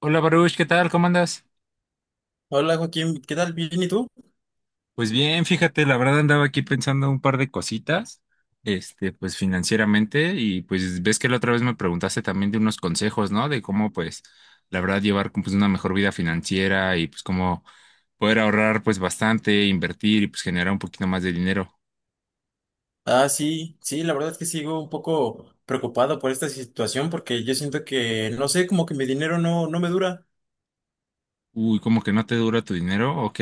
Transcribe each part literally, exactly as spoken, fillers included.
Hola Baruch, ¿qué tal? ¿Cómo andas? Hola Joaquín, ¿qué tal? ¿Bien y tú? Pues bien, fíjate, la verdad andaba aquí pensando un par de cositas, este, pues financieramente, y pues ves que la otra vez me preguntaste también de unos consejos, ¿no? De cómo, pues, la verdad, llevar como, pues, una mejor vida financiera y pues cómo poder ahorrar pues bastante, invertir y pues generar un poquito más de dinero. Ah, sí, sí, la verdad es que sigo un poco preocupado por esta situación porque yo siento que, no sé, como que mi dinero no, no me dura. Uy, ¿como que no te dura tu dinero? Ok.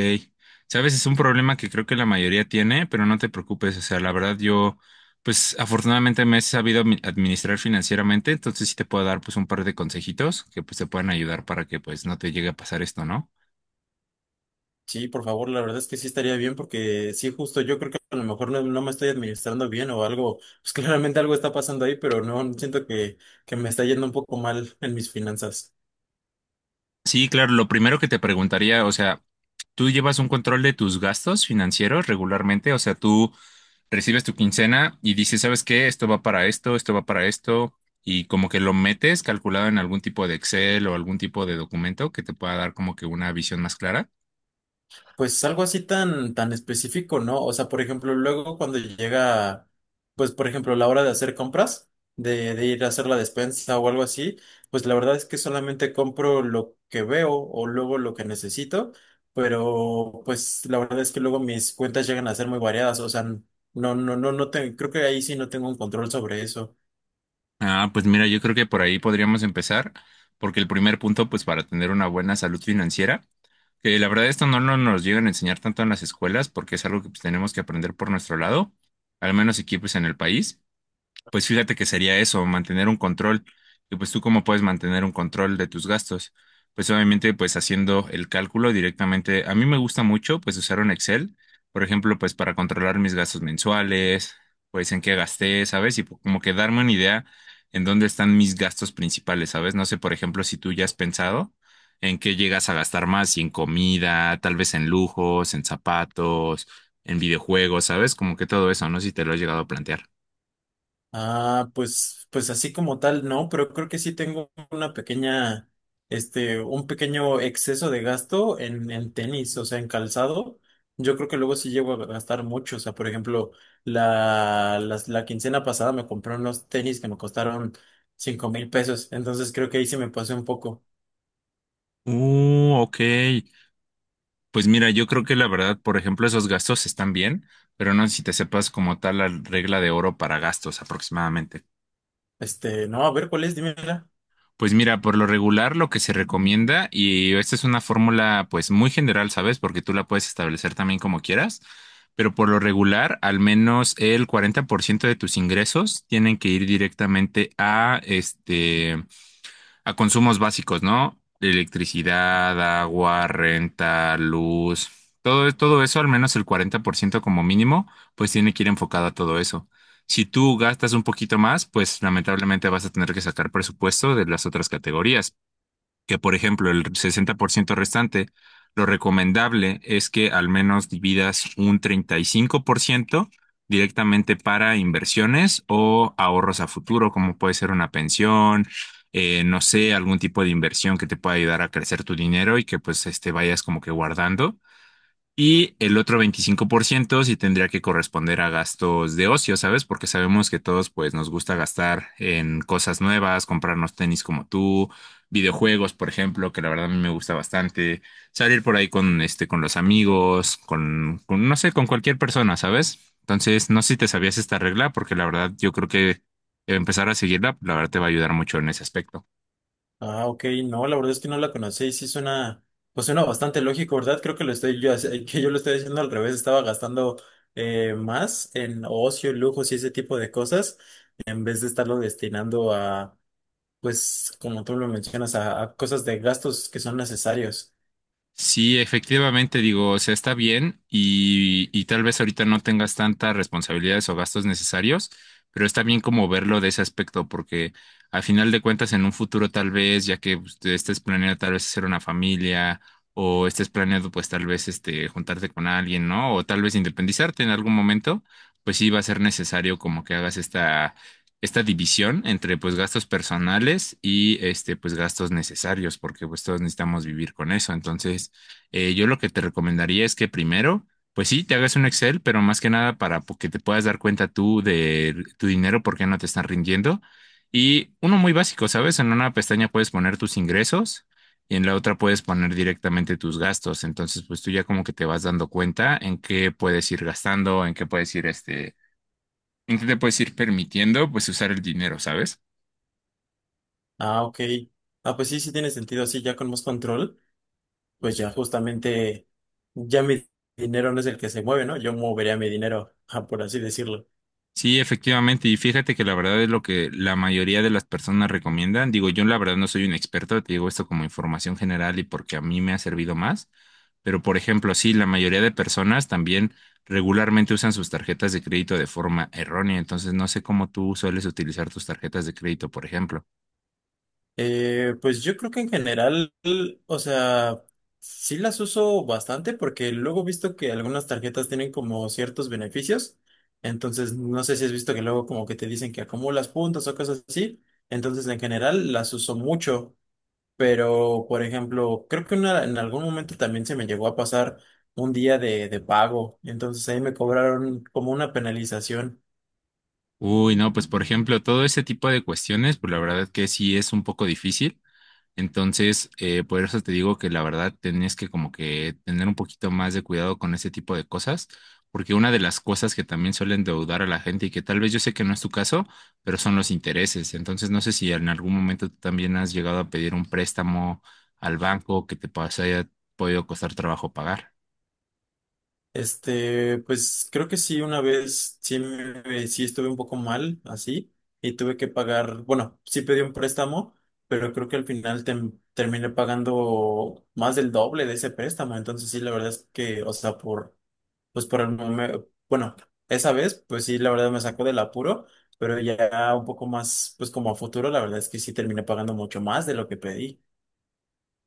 Sabes, es un problema que creo que la mayoría tiene, pero no te preocupes. O sea, la verdad yo, pues afortunadamente me he sabido admi- administrar financieramente, entonces sí te puedo dar pues un par de consejitos que pues te puedan ayudar para que pues no te llegue a pasar esto, ¿no? Sí, por favor, la verdad es que sí estaría bien porque sí, justo yo creo que a lo mejor no, no me estoy administrando bien o algo, pues claramente algo está pasando ahí, pero no siento que, que me está yendo un poco mal en mis finanzas. Sí, claro, lo primero que te preguntaría, o sea, ¿tú llevas un control de tus gastos financieros regularmente? O sea, tú recibes tu quincena y dices, ¿sabes qué? Esto va para esto, esto va para esto, y como que lo metes calculado en algún tipo de Excel o algún tipo de documento que te pueda dar como que una visión más clara. Pues algo así tan, tan específico, ¿no? O sea, por ejemplo, luego cuando llega, pues por ejemplo, la hora de hacer compras, de, de ir a hacer la despensa o algo así, pues la verdad es que solamente compro lo que veo o luego lo que necesito, pero pues la verdad es que luego mis cuentas llegan a ser muy variadas, o sea, no, no, no, no te- creo que ahí sí no tengo un control sobre eso. Ah, pues mira, yo creo que por ahí podríamos empezar, porque el primer punto, pues para tener una buena salud financiera, que la verdad esto no, no nos llegan a enseñar tanto en las escuelas, porque es algo que pues, tenemos que aprender por nuestro lado, al menos aquí pues en el país. Pues fíjate que sería eso, mantener un control. Y pues tú cómo puedes mantener un control de tus gastos. Pues obviamente pues haciendo el cálculo directamente. A mí me gusta mucho pues usar un Excel, por ejemplo, pues para controlar mis gastos mensuales, pues en qué gasté, ¿sabes? Y po- como que darme una idea en dónde están mis gastos principales, ¿sabes? No sé, por ejemplo, si tú ya has pensado en qué llegas a gastar más, si en comida, tal vez en lujos, en zapatos, en videojuegos, ¿sabes? Como que todo eso, no sé si te lo has llegado a plantear. Ah, pues, pues así como tal, no, pero creo que sí tengo una pequeña, este, un pequeño exceso de gasto en, en tenis, o sea, en calzado. Yo creo que luego sí llego a gastar mucho. O sea, por ejemplo, la, las- la quincena pasada me compré unos tenis que me costaron cinco mil pesos. Entonces creo que ahí sí me pasé un poco. Uh, ok. Pues mira, yo creo que la verdad, por ejemplo, esos gastos están bien, pero no sé si te sepas como tal la regla de oro para gastos aproximadamente. Este, no, a ver, ¿cuál es? Dímela. Pues mira, por lo regular lo que se recomienda, y esta es una fórmula pues muy general, ¿sabes? Porque tú la puedes establecer también como quieras, pero por lo regular, al menos el cuarenta por ciento de tus ingresos tienen que ir directamente a este a consumos básicos, ¿no? Electricidad, agua, renta, luz, todo, todo eso, al menos el cuarenta por ciento como mínimo, pues tiene que ir enfocado a todo eso. Si tú gastas un poquito más, pues lamentablemente vas a tener que sacar presupuesto de las otras categorías que por ejemplo el sesenta por ciento restante, lo recomendable es que al menos dividas un treinta y cinco por ciento directamente para inversiones o ahorros a futuro, como puede ser una pensión, eh, no sé, algún tipo de inversión que te pueda ayudar a crecer tu dinero y que pues este vayas como que guardando. Y el otro veinticinco por ciento sí tendría que corresponder a gastos de ocio, ¿sabes? Porque sabemos que todos pues nos gusta gastar en cosas nuevas, comprarnos tenis como tú, videojuegos, por ejemplo, que la verdad a mí me gusta bastante, salir por ahí con este con los amigos, con, con no sé, con cualquier persona, ¿sabes? Entonces, no sé si te sabías esta regla porque la verdad yo creo que empezar a seguirla, la verdad te va a ayudar mucho en ese aspecto. Ah, ok, no, la verdad es que no la conocí y sí suena, pues suena bastante lógico, ¿verdad? Creo que lo estoy yo, hace- que yo lo estoy haciendo al revés, estaba gastando eh, más en ocio, lujos y ese tipo de cosas, en vez de estarlo destinando a, pues, como tú lo mencionas, a, a cosas de gastos que son necesarios. Sí, efectivamente, digo, o sea, está bien y, y tal vez ahorita no tengas tantas responsabilidades o gastos necesarios, pero está bien como verlo de ese aspecto, porque al final de cuentas en un futuro tal vez, ya que pues, te estés planeando tal vez hacer una familia o estés planeando pues tal vez este juntarte con alguien, ¿no? O tal vez independizarte en algún momento, pues sí va a ser necesario como que hagas esta esta división entre pues gastos personales y este pues gastos necesarios, porque pues todos necesitamos vivir con eso. Entonces, eh, yo lo que te recomendaría es que primero, pues sí, te hagas un Excel, pero más que nada para po- que te puedas dar cuenta tú de tu dinero, por qué no te están rindiendo. Y uno muy básico, ¿sabes? En una pestaña puedes poner tus ingresos y en la otra puedes poner directamente tus gastos. Entonces, pues tú ya como que te vas dando cuenta en qué puedes ir gastando, en qué puedes ir este entonces te puedes ir permitiendo pues usar el dinero, ¿sabes? Ah, ok. Ah, pues sí, sí tiene sentido, así ya con más control, pues ya justamente, ya mi dinero no es el que se mueve, ¿no? Yo movería mi dinero, ah, por así decirlo. Sí, efectivamente. Y fíjate que la verdad es lo que la mayoría de las personas recomiendan. Digo, yo la verdad no soy un experto, te digo esto como información general y porque a mí me ha servido más. Pero, por ejemplo, sí, la mayoría de personas también regularmente usan sus tarjetas de crédito de forma errónea. Entonces, no sé cómo tú sueles utilizar tus tarjetas de crédito, por ejemplo. Eh, pues yo creo que en general, o sea, sí las uso bastante porque luego he visto que algunas tarjetas tienen como ciertos beneficios. Entonces, no sé si has visto que luego como que te dicen que acumulas puntos o cosas así. Entonces, en general las uso mucho. Pero, por ejemplo, creo que una- en algún momento también se me llegó a pasar un día de, de pago. Entonces ahí me cobraron como una penalización. Uy, no, pues, por ejemplo, todo ese tipo de cuestiones, pues la verdad que sí es un poco difícil. Entonces, eh, por eso te digo que la verdad tenés que como que tener un poquito más de cuidado con ese tipo de cosas, porque una de las cosas que también suelen deudar a la gente y que tal vez yo sé que no es tu caso, pero son los intereses. Entonces, no sé si en algún momento tú también has llegado a pedir un préstamo al banco que te pas- haya podido costar trabajo pagar. Este, pues creo que sí, una vez sí, me- sí estuve un poco mal así y tuve que pagar, bueno, sí pedí un préstamo, pero creo que al final tem- terminé pagando más del doble de ese préstamo, entonces sí, la verdad es que, o sea, por, pues por el momento, bueno, esa vez, pues sí, la verdad me sacó del apuro, pero ya un poco más, pues como a futuro, la verdad es que sí terminé pagando mucho más de lo que pedí.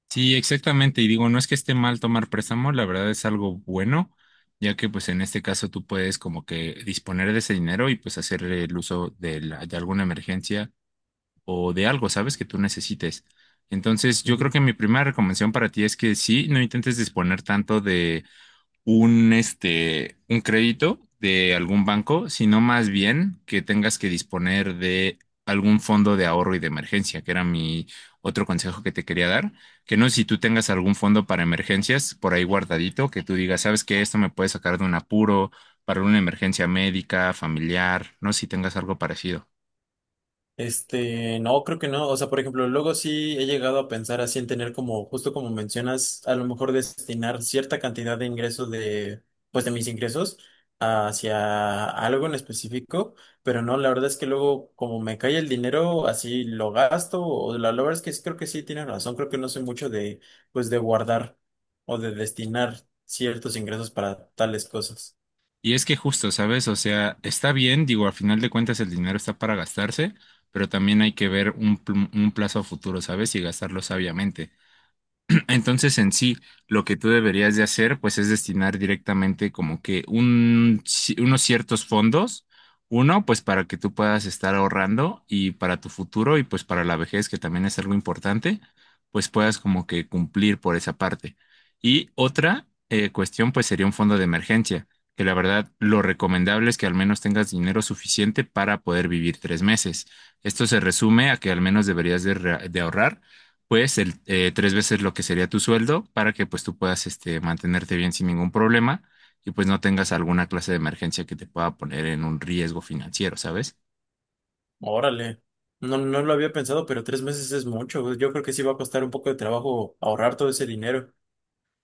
Sí, exactamente. Y digo, no es que esté mal tomar préstamo, la verdad es algo bueno, ya que pues en este caso tú puedes como que disponer de ese dinero y pues hacer el uso de, la- de alguna emergencia o de algo, ¿sabes? Que tú necesites. Entonces, yo creo Ujú. que mi primera recomendación para ti es que sí, no intentes disponer tanto de un, este, un crédito de algún banco, sino más bien que tengas que disponer de algún fondo de ahorro y de emergencia, que era mi otro consejo que te quería dar, que no sé si tú tengas algún fondo para emergencias por ahí guardadito, que tú digas, sabes que esto me puede sacar de un apuro para una emergencia médica, familiar, no sé si tengas algo parecido. Este, no, creo que no. O sea, por ejemplo, luego sí he llegado a pensar así en tener como, justo como mencionas, a lo mejor destinar cierta cantidad de ingresos de, pues de mis ingresos hacia algo en específico, pero no, la verdad es que luego como me cae el dinero, así lo gasto, o la, la verdad es que sí, creo que sí tienes razón, creo que no soy mucho de, pues de guardar o de destinar ciertos ingresos para tales cosas. Y es que justo, ¿sabes? O sea, está bien, digo, al final de cuentas el dinero está para gastarse, pero también hay que ver un, pl- un plazo a futuro, ¿sabes? Y gastarlo sabiamente. Entonces, en sí, lo que tú deberías de hacer, pues, es destinar directamente como que un, ci- unos ciertos fondos, uno, pues, para que tú puedas estar ahorrando y para tu futuro y pues para la vejez, que también es algo importante, pues puedas como que cumplir por esa parte. Y otra eh, cuestión, pues, sería un fondo de emergencia, que la verdad, lo recomendable es que al menos tengas dinero suficiente para poder vivir tres meses. Esto se resume a que al menos deberías de re- de ahorrar pues el, eh, tres veces lo que sería tu sueldo para que pues tú puedas este, mantenerte bien sin ningún problema y pues no tengas alguna clase de emergencia que te pueda poner en un riesgo financiero, ¿sabes? Órale. No, no lo había pensado, pero tres meses es mucho, güey. Yo creo que sí va a costar un poco de trabajo ahorrar todo ese dinero.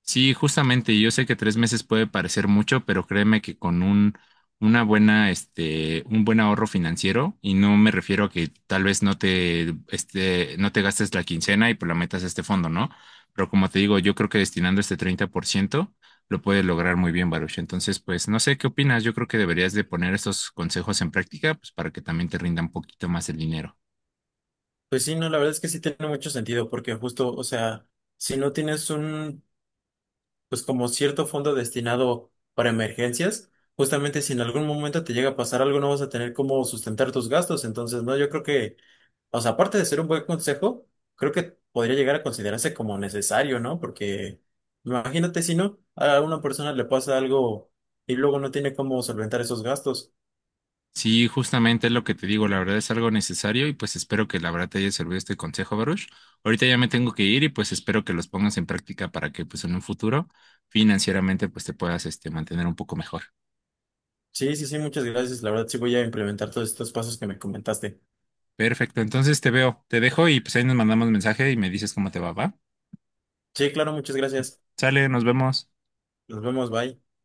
Sí, justamente, yo sé que tres meses puede parecer mucho, pero créeme que con un, una buena, este, un buen ahorro financiero, y no me refiero a que tal vez no te, este, no te gastes la quincena y pues la metas a este fondo, ¿no? Pero como te digo, yo creo que destinando este treinta por ciento lo puedes lograr muy bien, Baruch. Entonces, pues no sé qué opinas, yo creo que deberías de poner estos consejos en práctica, pues para que también te rinda un poquito más el dinero. Pues sí, no, la verdad es que sí tiene mucho sentido, porque justo, o sea, si no tienes un, pues como cierto fondo destinado para emergencias, justamente si en algún momento te llega a pasar algo, no vas a tener cómo sustentar tus gastos. Entonces, no, yo creo que, o sea, aparte de ser un buen consejo, creo que podría llegar a considerarse como necesario, ¿no? Porque imagínate si no, a una persona le pasa algo y luego no tiene cómo solventar esos gastos. Sí, justamente es lo que te digo, la verdad es algo necesario y pues espero que la verdad te haya servido este consejo, Baruch. Ahorita ya me tengo que ir y pues espero que los pongas en práctica para que pues en un futuro financieramente pues te puedas este mantener un poco mejor. Sí, sí, sí, muchas gracias. La verdad, sí voy a implementar todos estos pasos que me comentaste. Perfecto, entonces te veo, te dejo y pues ahí nos mandamos mensaje y me dices cómo te va, ¿va? Sí, claro, muchas gracias. Sale, nos vemos. Nos vemos, bye.